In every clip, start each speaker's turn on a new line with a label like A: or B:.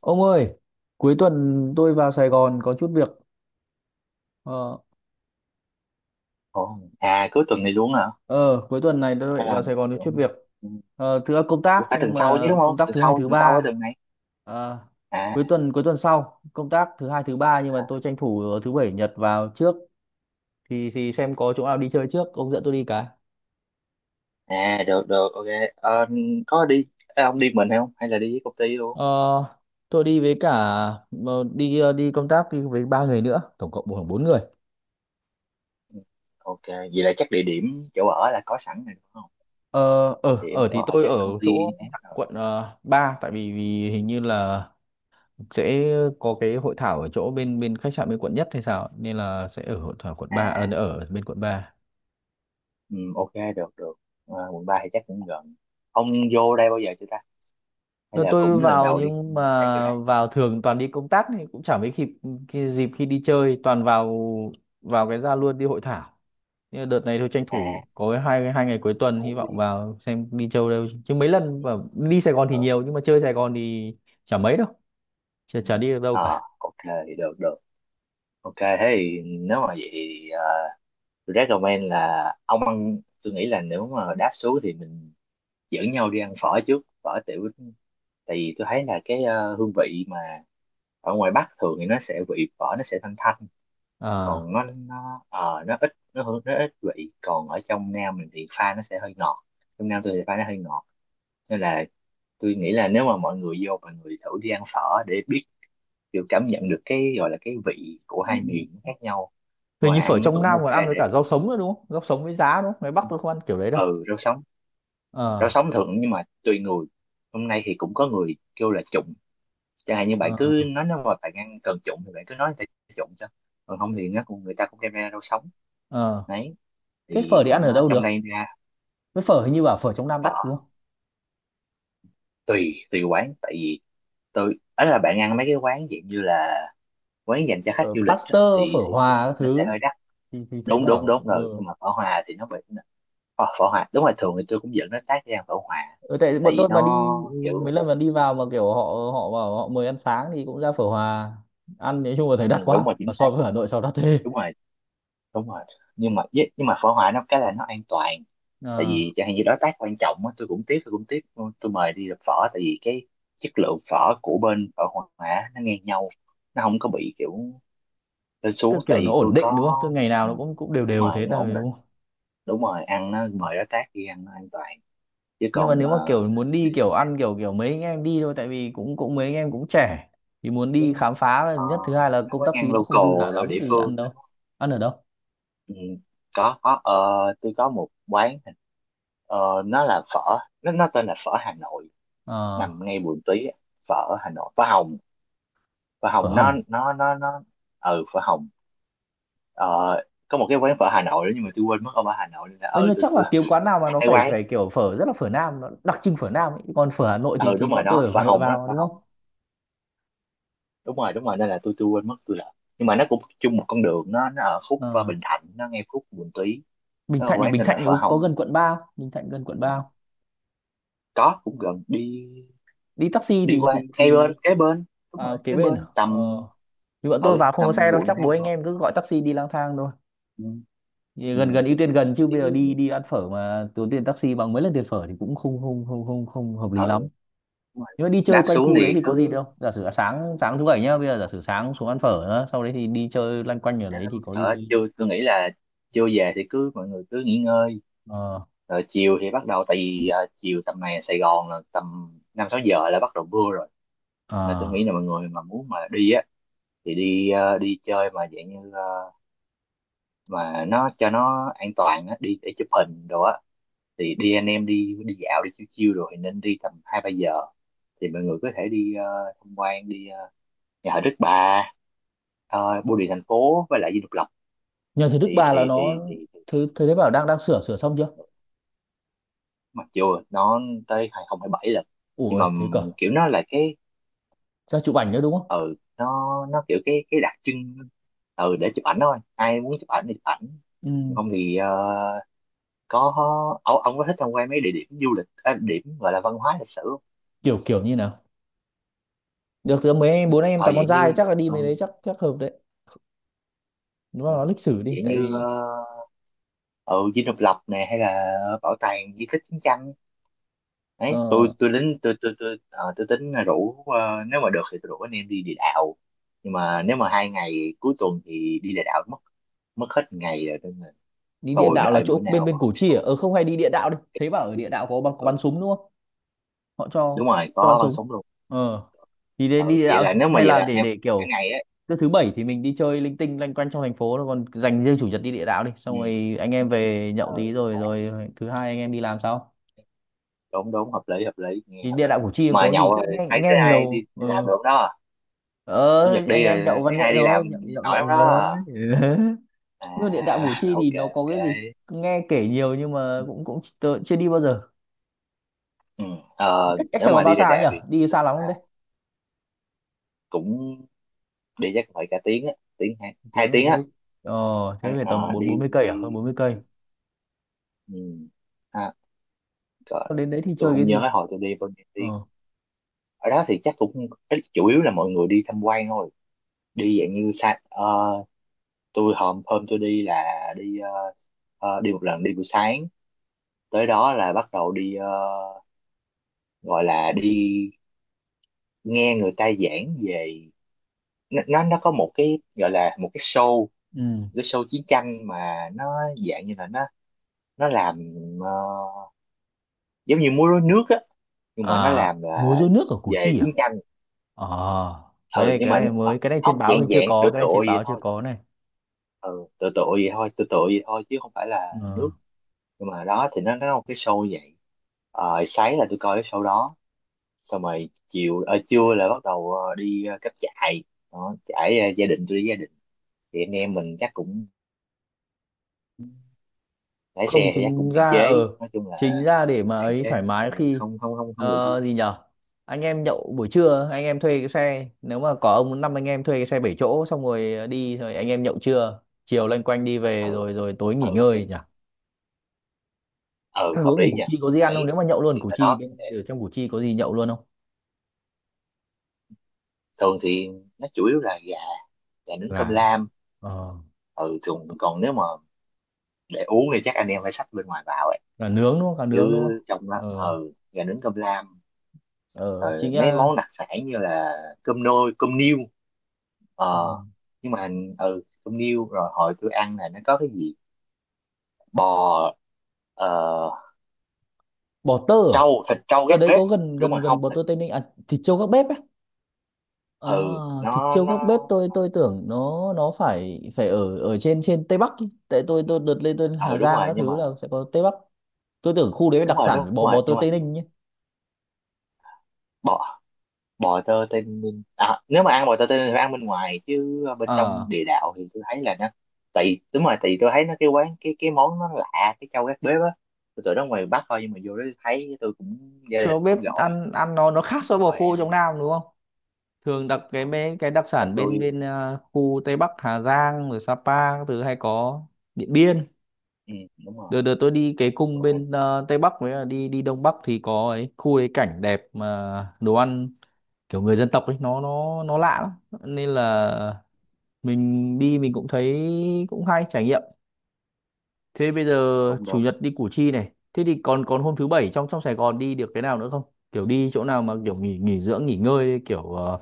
A: Ông ơi, cuối tuần tôi vào Sài Gòn có chút việc. Ờ,
B: Ồ, cuối tuần này luôn hả?
A: ờ cuối tuần này tôi
B: Hay
A: định
B: là
A: vào Sài Gòn có chút
B: tưởng
A: việc.
B: ừ,
A: Ờ, thứ công
B: ủa,
A: tác
B: phải tuần
A: nhưng
B: sau chứ
A: mà
B: đúng
A: công
B: không?
A: tác thứ hai thứ
B: Tuần sau cái
A: ba.
B: tuần này.
A: Ờ,
B: À,
A: cuối tuần sau công tác thứ hai thứ ba nhưng mà tôi tranh thủ thứ bảy nhật vào trước thì xem có chỗ nào đi chơi trước. Ông dẫn tôi đi cái.
B: à được được, ok. Ờ, có đi à, ông đi mình hay không? Hay là đi với công ty luôn?
A: Ờ, tôi đi với cả đi công tác đi với ba người nữa, tổng cộng khoảng bốn người.
B: Ừ, ok, vậy là chắc địa điểm chỗ ở là có sẵn rồi đúng không?
A: Ờ, ở
B: Địa điểm
A: ở thì
B: chỗ ở
A: tôi
B: chắc
A: ở
B: công
A: chỗ
B: ty ấy rồi.
A: quận 3, tại vì, vì hình như là sẽ có cái hội thảo ở chỗ bên bên khách sạn bên quận nhất hay sao, nên là sẽ ở hội thảo quận ba,
B: À,
A: ở ở bên quận 3.
B: ừ, ok được được. Ờ, quận 3 thì chắc cũng gần. Ông vô đây bao giờ chưa ta? Hay
A: Rồi
B: là
A: tôi
B: cũng lần
A: vào,
B: đầu đi. Ừ,
A: nhưng mà
B: tới vô đây?
A: vào thường toàn đi công tác thì cũng chẳng mấy kịp cái dịp khi đi chơi, toàn vào vào cái ra luôn đi hội thảo. Nhưng mà đợt này tôi tranh
B: À,
A: thủ có cái hai hai ngày cuối tuần, hy
B: cũng
A: vọng
B: đi.
A: vào xem đi chơi đâu, chứ mấy lần
B: Ừ,
A: và đi Sài Gòn thì
B: được.
A: nhiều nhưng mà chơi Sài Gòn thì chả mấy đâu, chả,
B: Ừ.
A: chả đi được đâu cả.
B: Ờ, ok, được được. Ok, thế thì nếu mà vậy thì tôi recommend là ông ăn, tôi nghĩ là nếu mà đáp xuống thì mình dẫn nhau đi ăn phở trước, phở tiểu, tại vì tôi thấy là cái hương vị mà ở ngoài Bắc thường thì nó sẽ vị phở nó sẽ thanh thanh,
A: À,
B: còn nó nó ít nó hương nó ít vị, còn ở trong Nam mình thì pha nó sẽ hơi ngọt, trong Nam tôi thì pha nó hơi ngọt, nên là tôi nghĩ là nếu mà mọi người vô mọi người thử đi ăn phở để biết kiểu cảm nhận được cái gọi là cái vị của, ừ, hai miền nó khác nhau,
A: hình như
B: ngoài
A: phở
B: ăn nó
A: trong
B: cũng
A: Nam
B: ok
A: còn ăn với
B: để
A: cả rau sống nữa đúng không? Rau sống với giá đúng không? Ngoài Bắc tôi không ăn kiểu đấy đâu.
B: ừ rau sống, rau
A: Ờ.
B: sống thường nhưng mà tùy người. Hôm nay thì cũng có người kêu là trụng, chẳng hạn như bạn
A: Ờ.
B: cứ nói nếu mà bạn ăn cần trụng thì bạn cứ nói người ta trụng cho, còn không thì nó cũng người ta cũng đem ra rau sống
A: Ờ,
B: đấy,
A: thế
B: thì
A: phở thì ăn ở
B: nó
A: đâu
B: trong
A: được?
B: đây ra
A: Với phở hình như bảo phở trong Nam đắt
B: phở
A: đúng không?
B: tùy tùy quán. Tại vì tôi ấy là bạn ăn mấy cái quán dạng như là quán dành cho khách
A: Ở
B: du lịch á,
A: Pasteur, phở
B: thì
A: Hòa các
B: nó
A: thứ
B: sẽ
A: ấy.
B: hơi đắt.
A: Thì thấy
B: đúng đúng
A: bảo
B: đúng rồi,
A: ừ.
B: nhưng mà phở hòa thì nó bị phở, phở hòa đúng là thường thì tôi cũng dẫn nó tác ra phở hòa
A: Ừ, tại
B: tại
A: bọn
B: vì
A: tôi mà
B: nó
A: đi, ừ, mấy
B: kiểu
A: lần mà đi vào mà kiểu họ, họ bảo họ mời ăn sáng thì cũng ra phở Hòa ăn, nói chung là thấy
B: ừ,
A: đắt
B: đúng
A: quá,
B: rồi, chính
A: và
B: xác,
A: so với Hà Nội sao đắt thế.
B: đúng rồi, đúng rồi, nhưng mà với- nhưng mà phở hoài nó cái là nó an toàn, tại
A: Ờ,
B: vì chẳng hạn như đối tác quan trọng á tôi cũng tiếp tôi mời đi làm phở, tại vì cái chất lượng phở của bên phở hoài á, nó ngang nhau, nó không có bị kiểu lên xuống
A: tức
B: tại
A: kiểu nó
B: vì tôi
A: ổn định đúng
B: có
A: không, tức ngày nào
B: ừ,
A: nó cũng cũng đều
B: đúng
A: đều
B: rồi
A: thế
B: nó ổn
A: thôi
B: định,
A: đúng.
B: đúng rồi ăn nó mời đối tác đi ăn nó an toàn, chứ
A: Nhưng mà
B: còn
A: nếu mà kiểu muốn đi
B: đi
A: kiểu
B: ăn
A: ăn kiểu kiểu mấy anh em đi thôi, tại vì cũng cũng mấy anh em cũng trẻ thì muốn đi
B: với
A: khám phá là nhất, thứ hai là
B: nó
A: công
B: quán
A: tác phí
B: ăn
A: nó không dư giả
B: local rồi
A: lắm
B: địa
A: thì
B: phương
A: ăn
B: đó,
A: đâu,
B: đúng không?
A: ăn ở đâu?
B: Ừ, có tôi có một quán, nó là phở, nó tên là phở Hà Nội,
A: Ờ,
B: nằm ngay Bùi Tí á, phở ở Hà Nội phở Hồng, phở
A: phở
B: Hồng nó
A: Hồng.
B: nó nó nó ừ phở Hồng. ờ, có một cái quán phở Hà Nội nữa nhưng mà tôi quên mất, ông ở Hà Nội nên là
A: Ơ nhưng
B: ừ
A: mà
B: tôi,
A: chắc
B: tôi
A: là kiếm quán nào mà nó
B: hay
A: phải
B: quán
A: phải kiểu phở rất là phở Nam, nó đặc trưng phở Nam ấy. Còn phở Hà Nội
B: ừ
A: thì
B: đúng rồi
A: bọn tôi
B: đó,
A: ở
B: phở
A: Hà Nội
B: Hồng đó,
A: vào
B: phở
A: đúng
B: Hồng,
A: không?
B: đúng rồi nên là tôi quên mất tôi là, nhưng mà nó cũng chung một con đường, nó ở khúc
A: Ờ,
B: Bình Thạnh, nó ngay khúc Bùi Tí,
A: Bình
B: nó là
A: Thạnh à?
B: quán
A: Bình
B: tên
A: Thạnh
B: là
A: thì
B: phở
A: có
B: Hồng.
A: gần quận 3 không? Bình Thạnh gần quận
B: Ừ,
A: 3 không?
B: có cũng gần, đi
A: Đi taxi
B: đi
A: thì
B: qua
A: thì
B: ngay
A: thì
B: bên kế bên, đúng
A: À,
B: rồi
A: kế
B: kế
A: bên à?
B: bên
A: Ờ,
B: tầm
A: thì bọn tôi
B: ừ
A: vào không có
B: tầm
A: xe đâu,
B: quận
A: chắc
B: hai
A: bố anh
B: quận
A: em cứ gọi taxi đi lang thang thôi.
B: ừ. Ừ.
A: Gần, gần, ưu tiên gần, chứ bây giờ
B: Thì
A: đi đi ăn phở mà tốn tiền taxi bằng mấy lần tiền phở thì cũng không không không không không hợp lý
B: ừ
A: lắm.
B: đúng rồi.
A: Nhưng mà đi chơi
B: Đáp
A: quanh
B: xuống
A: khu đấy
B: thì
A: thì có gì
B: cứ,
A: đâu, giả sử là sáng sáng thứ bảy nhá, bây giờ giả sử sáng xuống ăn phở nữa, sau đấy thì đi chơi loanh quanh ở
B: à,
A: đấy thì có gì
B: sợ
A: chơi?
B: chưa, tôi nghĩ là chưa về thì cứ mọi người cứ nghỉ ngơi,
A: Ờ.
B: rồi chiều thì bắt đầu, tại vì à, chiều tầm này Sài Gòn là tầm năm sáu giờ là bắt đầu mưa rồi, là tôi nghĩ
A: À,
B: là mọi người mà muốn mà đi á thì đi à, đi chơi mà dạng như à, mà nó cho nó an toàn á đi để chụp hình đồ á thì đi anh em đi đi dạo đi chiêu chiêu rồi thì nên đi tầm hai ba giờ, thì mọi người có thể đi à, tham quan đi à, nhà thờ Đức Bà, bưu điện thành phố với lại Dinh Độc Lập,
A: nhờ thứ Đức
B: thì
A: Bà là
B: thì
A: nó
B: thì thì,
A: thứ thứ thế bảo đang đang sửa, sửa xong chưa?
B: thì mặc dù nó tới 2027 là,
A: Ủa
B: nhưng mà
A: ơi, thế cơ.
B: kiểu nó là cái
A: Ra chụp ảnh nữa đúng không?
B: ừ nó kiểu cái đặc trưng ừ để chụp ảnh thôi, ai muốn chụp ảnh thì chụp ảnh. Còn
A: Ừ.
B: không thì có ông có thích tham quan mấy địa điểm du lịch à, điểm gọi là văn hóa lịch sử không?
A: Kiểu kiểu như nào? Được thì mấy bố anh em
B: Ờ
A: toàn con
B: dạng như
A: trai, chắc là đi
B: ờ,
A: mấy đấy chắc chắc hợp đấy. Đúng là
B: ừ,
A: nó lịch sử đi,
B: dạng
A: tại
B: như
A: vì
B: ờ ừ, Dinh Độc Lập nè hay là bảo tàng di tích chiến tranh đấy,
A: ờ.
B: tôi tôi tính là rủ nếu mà được thì tôi rủ anh em đi địa đạo, nhưng mà nếu mà hai ngày cuối tuần thì đi địa đạo mất mất hết ngày rồi nên là
A: Đi địa
B: tôi
A: đạo là
B: đợi bữa
A: chỗ bên
B: nào mà
A: bên Củ Chi à?
B: họ
A: Ờ không, hay đi địa đạo đi, thấy bảo ở địa đạo có bắn, có
B: ừ,
A: bắn súng đúng không? Họ cho
B: đúng rồi
A: cho bắn
B: có bắn
A: súng.
B: súng luôn.
A: Ờ, thì
B: Ừ,
A: đến đi địa
B: vậy
A: đạo.
B: là nếu mà
A: Hay
B: vậy
A: là
B: là anh em
A: để
B: cả
A: kiểu
B: ngày á
A: cứ thứ bảy thì mình đi chơi linh tinh loanh quanh trong thành phố, rồi còn dành riêng chủ nhật đi địa đạo, đi xong
B: ừ.
A: rồi anh em về nhậu
B: Ừ,
A: tí rồi rồi thứ hai anh em đi làm sao.
B: đúng đúng hợp lý nghe
A: Thì
B: hợp
A: địa
B: lý,
A: đạo Củ Chi
B: mà
A: có gì,
B: nhậu
A: tức
B: rồi
A: nghe
B: thấy thứ
A: nghe
B: hai đi,
A: nhiều
B: đi làm
A: ừ.
B: được đó,
A: Ờ
B: chủ nhật
A: anh
B: đi rồi
A: em nhậu văn
B: thứ hai
A: nghệ
B: đi làm
A: thôi, nhậu nhậu
B: nổi lắm
A: nhậu vừa
B: đó
A: thôi
B: à
A: nhưng mà địa đạo Củ Chi thì
B: ok
A: nó có
B: ok
A: cái gì? Nghe kể nhiều nhưng mà cũng cũng tớ chưa đi bao giờ.
B: ừ. Ờ,
A: Cách cách
B: nếu
A: Sài Gòn
B: mà
A: bao
B: đi đại
A: xa nhỉ,
B: đẹp thì tôi
A: đi
B: tính
A: xa lắm
B: là
A: không đấy?
B: cũng đi chắc phải cả tiếng á tiếng hai
A: Một
B: hai
A: tiếng là
B: tiếng
A: thế?
B: á,
A: Ờ,
B: ờ,
A: thế về tầm bốn bốn
B: đi
A: mươi cây à, hơn
B: đi,
A: bốn mươi cây?
B: đi. Ừ. À, rồi.
A: Thế đến đấy thì
B: Tôi
A: chơi
B: không
A: cái gì?
B: nhớ hồi tôi đi bao nhiêu tiếng,
A: Ờ.
B: ở đó thì chắc cũng ít- chủ yếu là mọi người đi tham quan thôi, đi dạng như sa ờ, tôi hôm hôm tôi đi là đi đi một lần đi buổi sáng, tới đó là bắt đầu đi gọi là đi nghe người ta giảng về nó, nó có một cái gọi là một cái show,
A: Ừ.
B: cái show chiến tranh mà nó dạng như là nó làm ờ, giống như múa rối nước á, nhưng mà nó
A: À
B: làm
A: múa
B: là
A: rối nước ở Củ
B: về
A: Chi à?
B: chiến tranh
A: Ờ,
B: ừ, nhưng
A: cái
B: mà
A: này mới, cái này trên
B: không
A: báo thì
B: dạng
A: chưa
B: dạng
A: có,
B: tựa
A: cái này
B: tựa
A: trên
B: vậy
A: báo chưa
B: thôi,
A: có này.
B: ừ tựa tựa vậy thôi tựa tựa vậy thôi chứ không phải là
A: Ờ.
B: nước, nhưng mà đó thì nó là một cái show vậy. Ờ, sáng là tôi coi cái show đó xong rồi chiều trưa là bắt đầu đi cắm trại đó, trải ờ, gia đình tôi đi gia đình thì anh em mình chắc cũng lái
A: Không
B: xe thì chắc cũng
A: chính
B: hạn
A: ra ờ,
B: chế, nói chung là
A: chính ra để mà
B: hạn
A: ấy
B: chế.
A: thoải mái
B: Ừ,
A: khi
B: không không không không được vui.
A: ờ, gì nhở, anh em nhậu buổi trưa, anh em thuê cái xe, nếu mà có ông, năm anh em thuê cái xe bảy chỗ xong rồi đi, rồi anh em nhậu trưa chiều loanh quanh đi về
B: Ừ
A: rồi rồi tối nghỉ
B: thế-
A: ngơi nhỉ.
B: ừ
A: Ăn
B: hợp
A: uống ở
B: lý
A: Củ
B: nha.
A: Chi có gì ăn không,
B: Đấy
A: nếu mà nhậu luôn
B: thì
A: Củ
B: ở
A: Chi,
B: đó cũng
A: bên
B: đẹp,
A: ở trong Củ Chi có gì nhậu luôn không?
B: thường thì nó chủ yếu là gà, gà nướng cơm
A: Gà.
B: lam.
A: Ờ,
B: Ừ thường còn nếu mà để uống thì chắc anh em phải xách bên ngoài vào ấy,
A: gà nướng đúng không, gà
B: chứ
A: nướng đúng không?
B: trong đó
A: Ờ.
B: ừ gà nướng cơm lam,
A: Ờ chị
B: rồi
A: nghe.
B: mấy món đặc sản như là cơm nôi cơm niêu,
A: Ờ.
B: ờ nhưng mà ừ cơm niêu, rồi hồi tôi ăn là nó có cái gì bò ờ
A: Bò tơ à?
B: trâu thịt trâu
A: Ở
B: gác
A: đấy
B: bếp,
A: có gần
B: đúng rồi
A: gần
B: không
A: gần bò
B: thịt
A: tơ Tây Ninh à, thịt trâu gác bếp á? À,
B: ừ
A: thịt
B: nó
A: trâu gác bếp
B: nó
A: tôi tưởng nó phải phải ở ở trên trên Tây Bắc ý. Tại tôi đợt lên tôi
B: ừ
A: Hà
B: đúng
A: Giang
B: rồi
A: các
B: nhưng mà
A: thứ là sẽ có Tây Bắc. Tôi tưởng khu đấy đặc sản
B: đúng
A: phải bò,
B: rồi
A: bò tơ
B: nhưng mà
A: Tây Ninh nhé.
B: bò bò tơ tây ninh à, nếu mà ăn bò tơ tây ninh thì phải ăn bên ngoài, chứ bên trong
A: À,
B: địa đạo thì tôi thấy là nó tại vì- đúng rồi tại vì tôi thấy nó cái quán cái món nó lạ cái trâu gác bếp á, tôi tưởng nó ngoài Bắc thôi nhưng mà vô đó thấy tôi cũng gia đình
A: trâu gác
B: cũng
A: bếp
B: gọi
A: ăn, ăn nó khác so với bò
B: rồi
A: khô trong
B: ăn.
A: Nam đúng không? Thường đặc cái
B: Ờ,
A: mấy cái đặc
B: rồi
A: sản bên
B: tôi
A: bên à, khu Tây Bắc Hà Giang rồi Sapa các thứ hay có. Điện Biên.
B: ừ, đúng rồi
A: Đợt đợt tôi đi cái
B: đúng
A: cung
B: rồi
A: bên à, Tây Bắc với là đi đi Đông Bắc thì có ấy, khu ấy cảnh đẹp mà đồ ăn kiểu người dân tộc ấy nó lạ lắm, nên là mình đi mình cũng thấy cũng hay trải nghiệm. Thế bây giờ
B: đúng
A: chủ
B: đúng.
A: nhật đi Củ Chi này, thế thì còn còn hôm thứ bảy trong trong Sài Gòn đi được cái nào nữa không? Kiểu đi chỗ nào mà kiểu nghỉ, nghỉ dưỡng nghỉ ngơi kiểu ờ,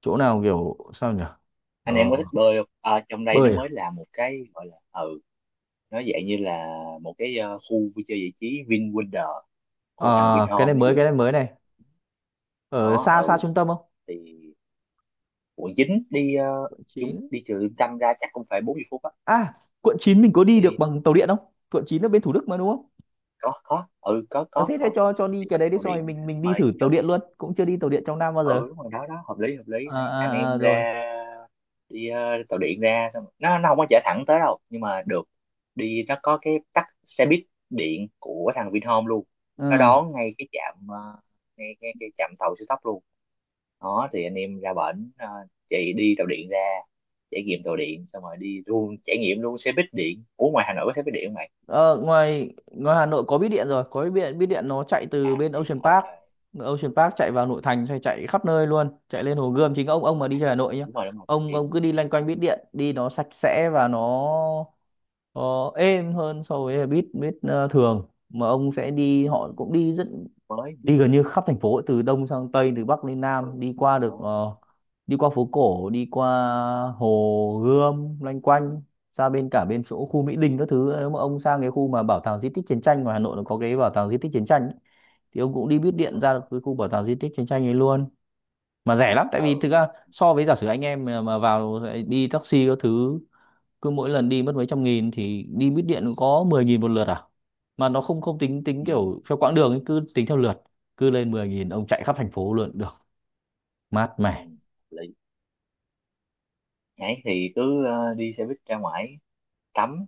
A: chỗ nào kiểu sao nhỉ?
B: Anh em
A: Ờ,
B: có thích bơi không? Ờ, trong đây nó
A: bơi à?
B: mới là một cái gọi là ừ, nó dạng như là một cái khu vui chơi giải trí VinWonder của thằng
A: Ờ, cái này
B: Vinhome nó
A: mới,
B: vừa
A: cái này mới này. Ở
B: nó
A: xa, xa
B: ừ
A: trung tâm không?
B: thì ủa dính đi
A: Quận
B: chung
A: 9
B: đi trừ Liêm Tranh ra chắc cũng phải 40 phút á,
A: à? Quận 9 mình có đi được
B: đi
A: bằng tàu điện không? Quận 9 ở bên Thủ Đức mà đúng không?
B: có ừ
A: Ờ thế thế
B: có.
A: cho đi
B: Thì
A: cái
B: bắt
A: đấy đi,
B: tàu
A: xong rồi
B: điện,
A: mình đi
B: mời
A: thử tàu
B: cho
A: điện luôn, cũng chưa đi tàu điện trong Nam bao
B: ừ
A: giờ.
B: đúng rồi đó đó hợp lý hợp lý. Đấy, anh
A: À, à, à
B: em
A: rồi.
B: ra đi tàu điện ra xong rồi- nó không có chở thẳng tới đâu nhưng mà được, đi nó có cái tắt xe buýt điện của thằng Vinhome luôn,
A: Ừ.
B: nó đón ngay cái trạm ờ, ngay ngay cái trạm tàu siêu tốc luôn, đó thì anh em ra bển chạy đi tàu điện ra trải nghiệm tàu điện xong rồi đi luôn trải nghiệm luôn xe buýt điện. Ủa ngoài Hà Nội có xe buýt điện không mày?
A: Ờ, ngoài ngoài Hà Nội có bít điện rồi, có bít điện, bít điện nó chạy từ
B: À
A: bên
B: thì
A: Ocean
B: ok,
A: Park, Ocean Park chạy vào nội thành, chạy, chạy khắp nơi luôn, chạy lên Hồ Gươm, chính ông mà đi chơi Hà Nội
B: ừ,
A: nhá,
B: đúng rồi thông
A: ông
B: tin
A: cứ đi loanh quanh bít điện đi, nó sạch sẽ và nó Ờ, êm hơn so với buýt, buýt ờ, thường mà ông sẽ đi,
B: ừ,
A: họ cũng đi rất,
B: mới
A: đi gần như khắp thành phố, từ đông sang tây, từ bắc lên
B: ừ
A: nam, đi qua được
B: đó
A: ờ, đi qua phố cổ, đi qua hồ Gươm loanh quanh ra bên, cả bên chỗ khu Mỹ Đình các thứ. Nếu mà ông sang cái khu mà bảo tàng di tích chiến tranh, mà Hà Nội nó có cái bảo tàng di tích chiến tranh ấy, thì ông cũng đi buýt
B: ờ
A: điện ra được cái khu bảo tàng di tích chiến tranh ấy luôn. Mà rẻ lắm, tại vì
B: ừ
A: thực ra so với giả sử anh em mà vào đi taxi các thứ, cứ mỗi lần đi mất mấy trăm nghìn, thì đi buýt điện có 10 nghìn một lượt à. Mà nó không, không tính, tính
B: ừ,
A: kiểu theo quãng đường ấy, cứ tính theo lượt. Cứ lên 10 nghìn ông chạy khắp thành phố luôn được, mát
B: ừ.
A: mẻ.
B: Lý. Nãy thì cứ đi xe buýt ra ngoài tắm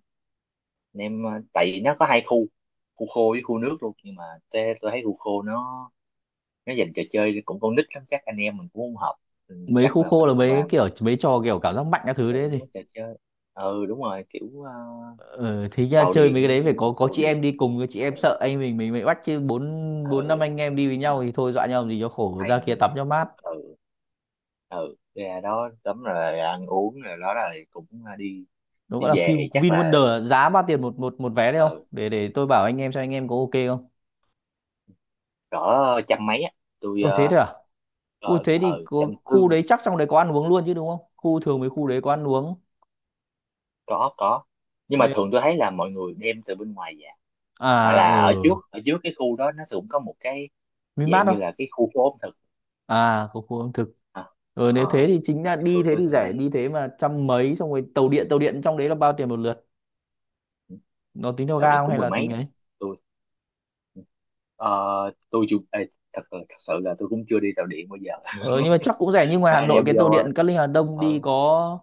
B: anh em tại vì nó có hai khu, khu khô với khu nước luôn, nhưng mà tôi thấy khu khô nó dành trò chơi cũng con nít lắm chắc anh em mình cũng không hợp. Ừ,
A: Mấy
B: chắc
A: khu
B: là
A: khô là
B: mình
A: mấy
B: qua
A: cái kiểu mấy trò kiểu cảm giác mạnh các thứ
B: ừ,
A: đấy gì?
B: nó trò chơi ừ đúng rồi kiểu
A: Ờ, thế nha
B: tàu
A: chơi mấy cái
B: điện
A: đấy phải có
B: tàu
A: chị em
B: điện
A: đi cùng, chị
B: ừ,
A: em sợ anh mình bị bắt chứ bốn,
B: ừ
A: bốn năm anh em đi với
B: đúng rồi
A: nhau thì thôi dọa nhau làm gì cho khổ, ra
B: bàn
A: kia
B: anh
A: tắm
B: em
A: cho mát.
B: ừ ừ ra đó tắm rồi ăn uống rồi đó rồi cũng đi
A: Nó
B: đi
A: gọi là
B: về
A: Vin,
B: thì chắc
A: Vin
B: là
A: Wonder, giá bao tiền một một một vé đấy không,
B: ừ
A: để để tôi bảo anh em xem anh em có ok không?
B: cỡ trăm mấy á tôi
A: Ồ thế
B: ờ
A: thôi à? Ui
B: ờ
A: thế thì có,
B: trăm tư.
A: khu đấy chắc trong đấy có ăn uống luôn chứ đúng không? Khu thường mấy khu đấy có ăn uống.
B: Có, nhưng mà
A: Nếu
B: thường tôi thấy là mọi người đem từ bên ngoài về, hoặc
A: à ở
B: là
A: ừ.
B: ở trước cái khu đó nó cũng có một cái dạng
A: Vinmart
B: như
A: không?
B: là cái khu phố ẩm thực.
A: À có khu ẩm thực.
B: À,
A: Ừ, nếu thế
B: ờ
A: thì chính là
B: thì
A: đi,
B: thường
A: thế
B: tôi
A: thì
B: sẽ
A: rẻ,
B: thấy
A: đi thế mà trăm mấy, xong rồi tàu điện, tàu điện trong đấy là bao tiền một lượt? Nó tính theo
B: dạo
A: ga
B: này
A: không
B: cũng
A: hay
B: mười
A: là
B: mấy
A: tính
B: á.
A: ấy?
B: Tôi ờ, tôi chưa ê, thật sự là tôi cũng chưa đi tàu điện bao giờ
A: Ờ nhưng mà chắc cũng rẻ, nhưng ngoài
B: Hai
A: Hà
B: anh
A: Nội
B: em
A: cái tàu
B: vô
A: điện Cát Linh Hà Đông
B: ở
A: đi có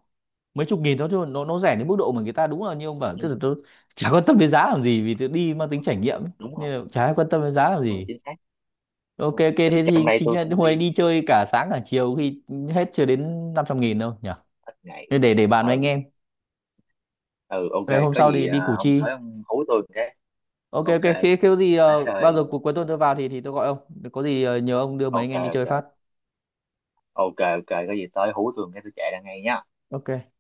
A: mấy chục nghìn thôi, chứ nó rẻ đến mức độ mà người ta đúng là như ông bảo, chứ tôi chả quan tâm đến giá làm gì, vì tôi đi mang tính trải nghiệm ấy.
B: đúng rồi
A: Nên là chả ai quan tâm đến giá làm
B: đúng rồi
A: gì.
B: chính xác
A: Ok,
B: đúng rồi.
A: ok,
B: Thì
A: thế
B: trong
A: thì
B: đây
A: chính
B: tôi
A: là
B: cũng
A: hôm ấy
B: đi
A: đi chơi cả sáng cả chiều khi hết chưa đến 500 nghìn đâu nhỉ.
B: ít ngày
A: Thế để bàn với anh
B: ừ
A: em.
B: ừ ok,
A: Rồi hôm
B: có
A: sau
B: gì
A: thì đi
B: à,
A: Củ
B: ông
A: Chi.
B: tới ông hú tôi một cái
A: Ok
B: ok
A: ok, khi khi có gì
B: đấy
A: ờ, bao
B: rồi
A: giờ cuối
B: ừ,
A: tuần tôi vào thì tôi gọi ông, có gì ờ, nhờ ông đưa mấy anh
B: ok
A: em đi
B: ok
A: chơi phát.
B: ok ok có gì tới hú tôi một cái tôi chạy ra ngay nhá.
A: Ok.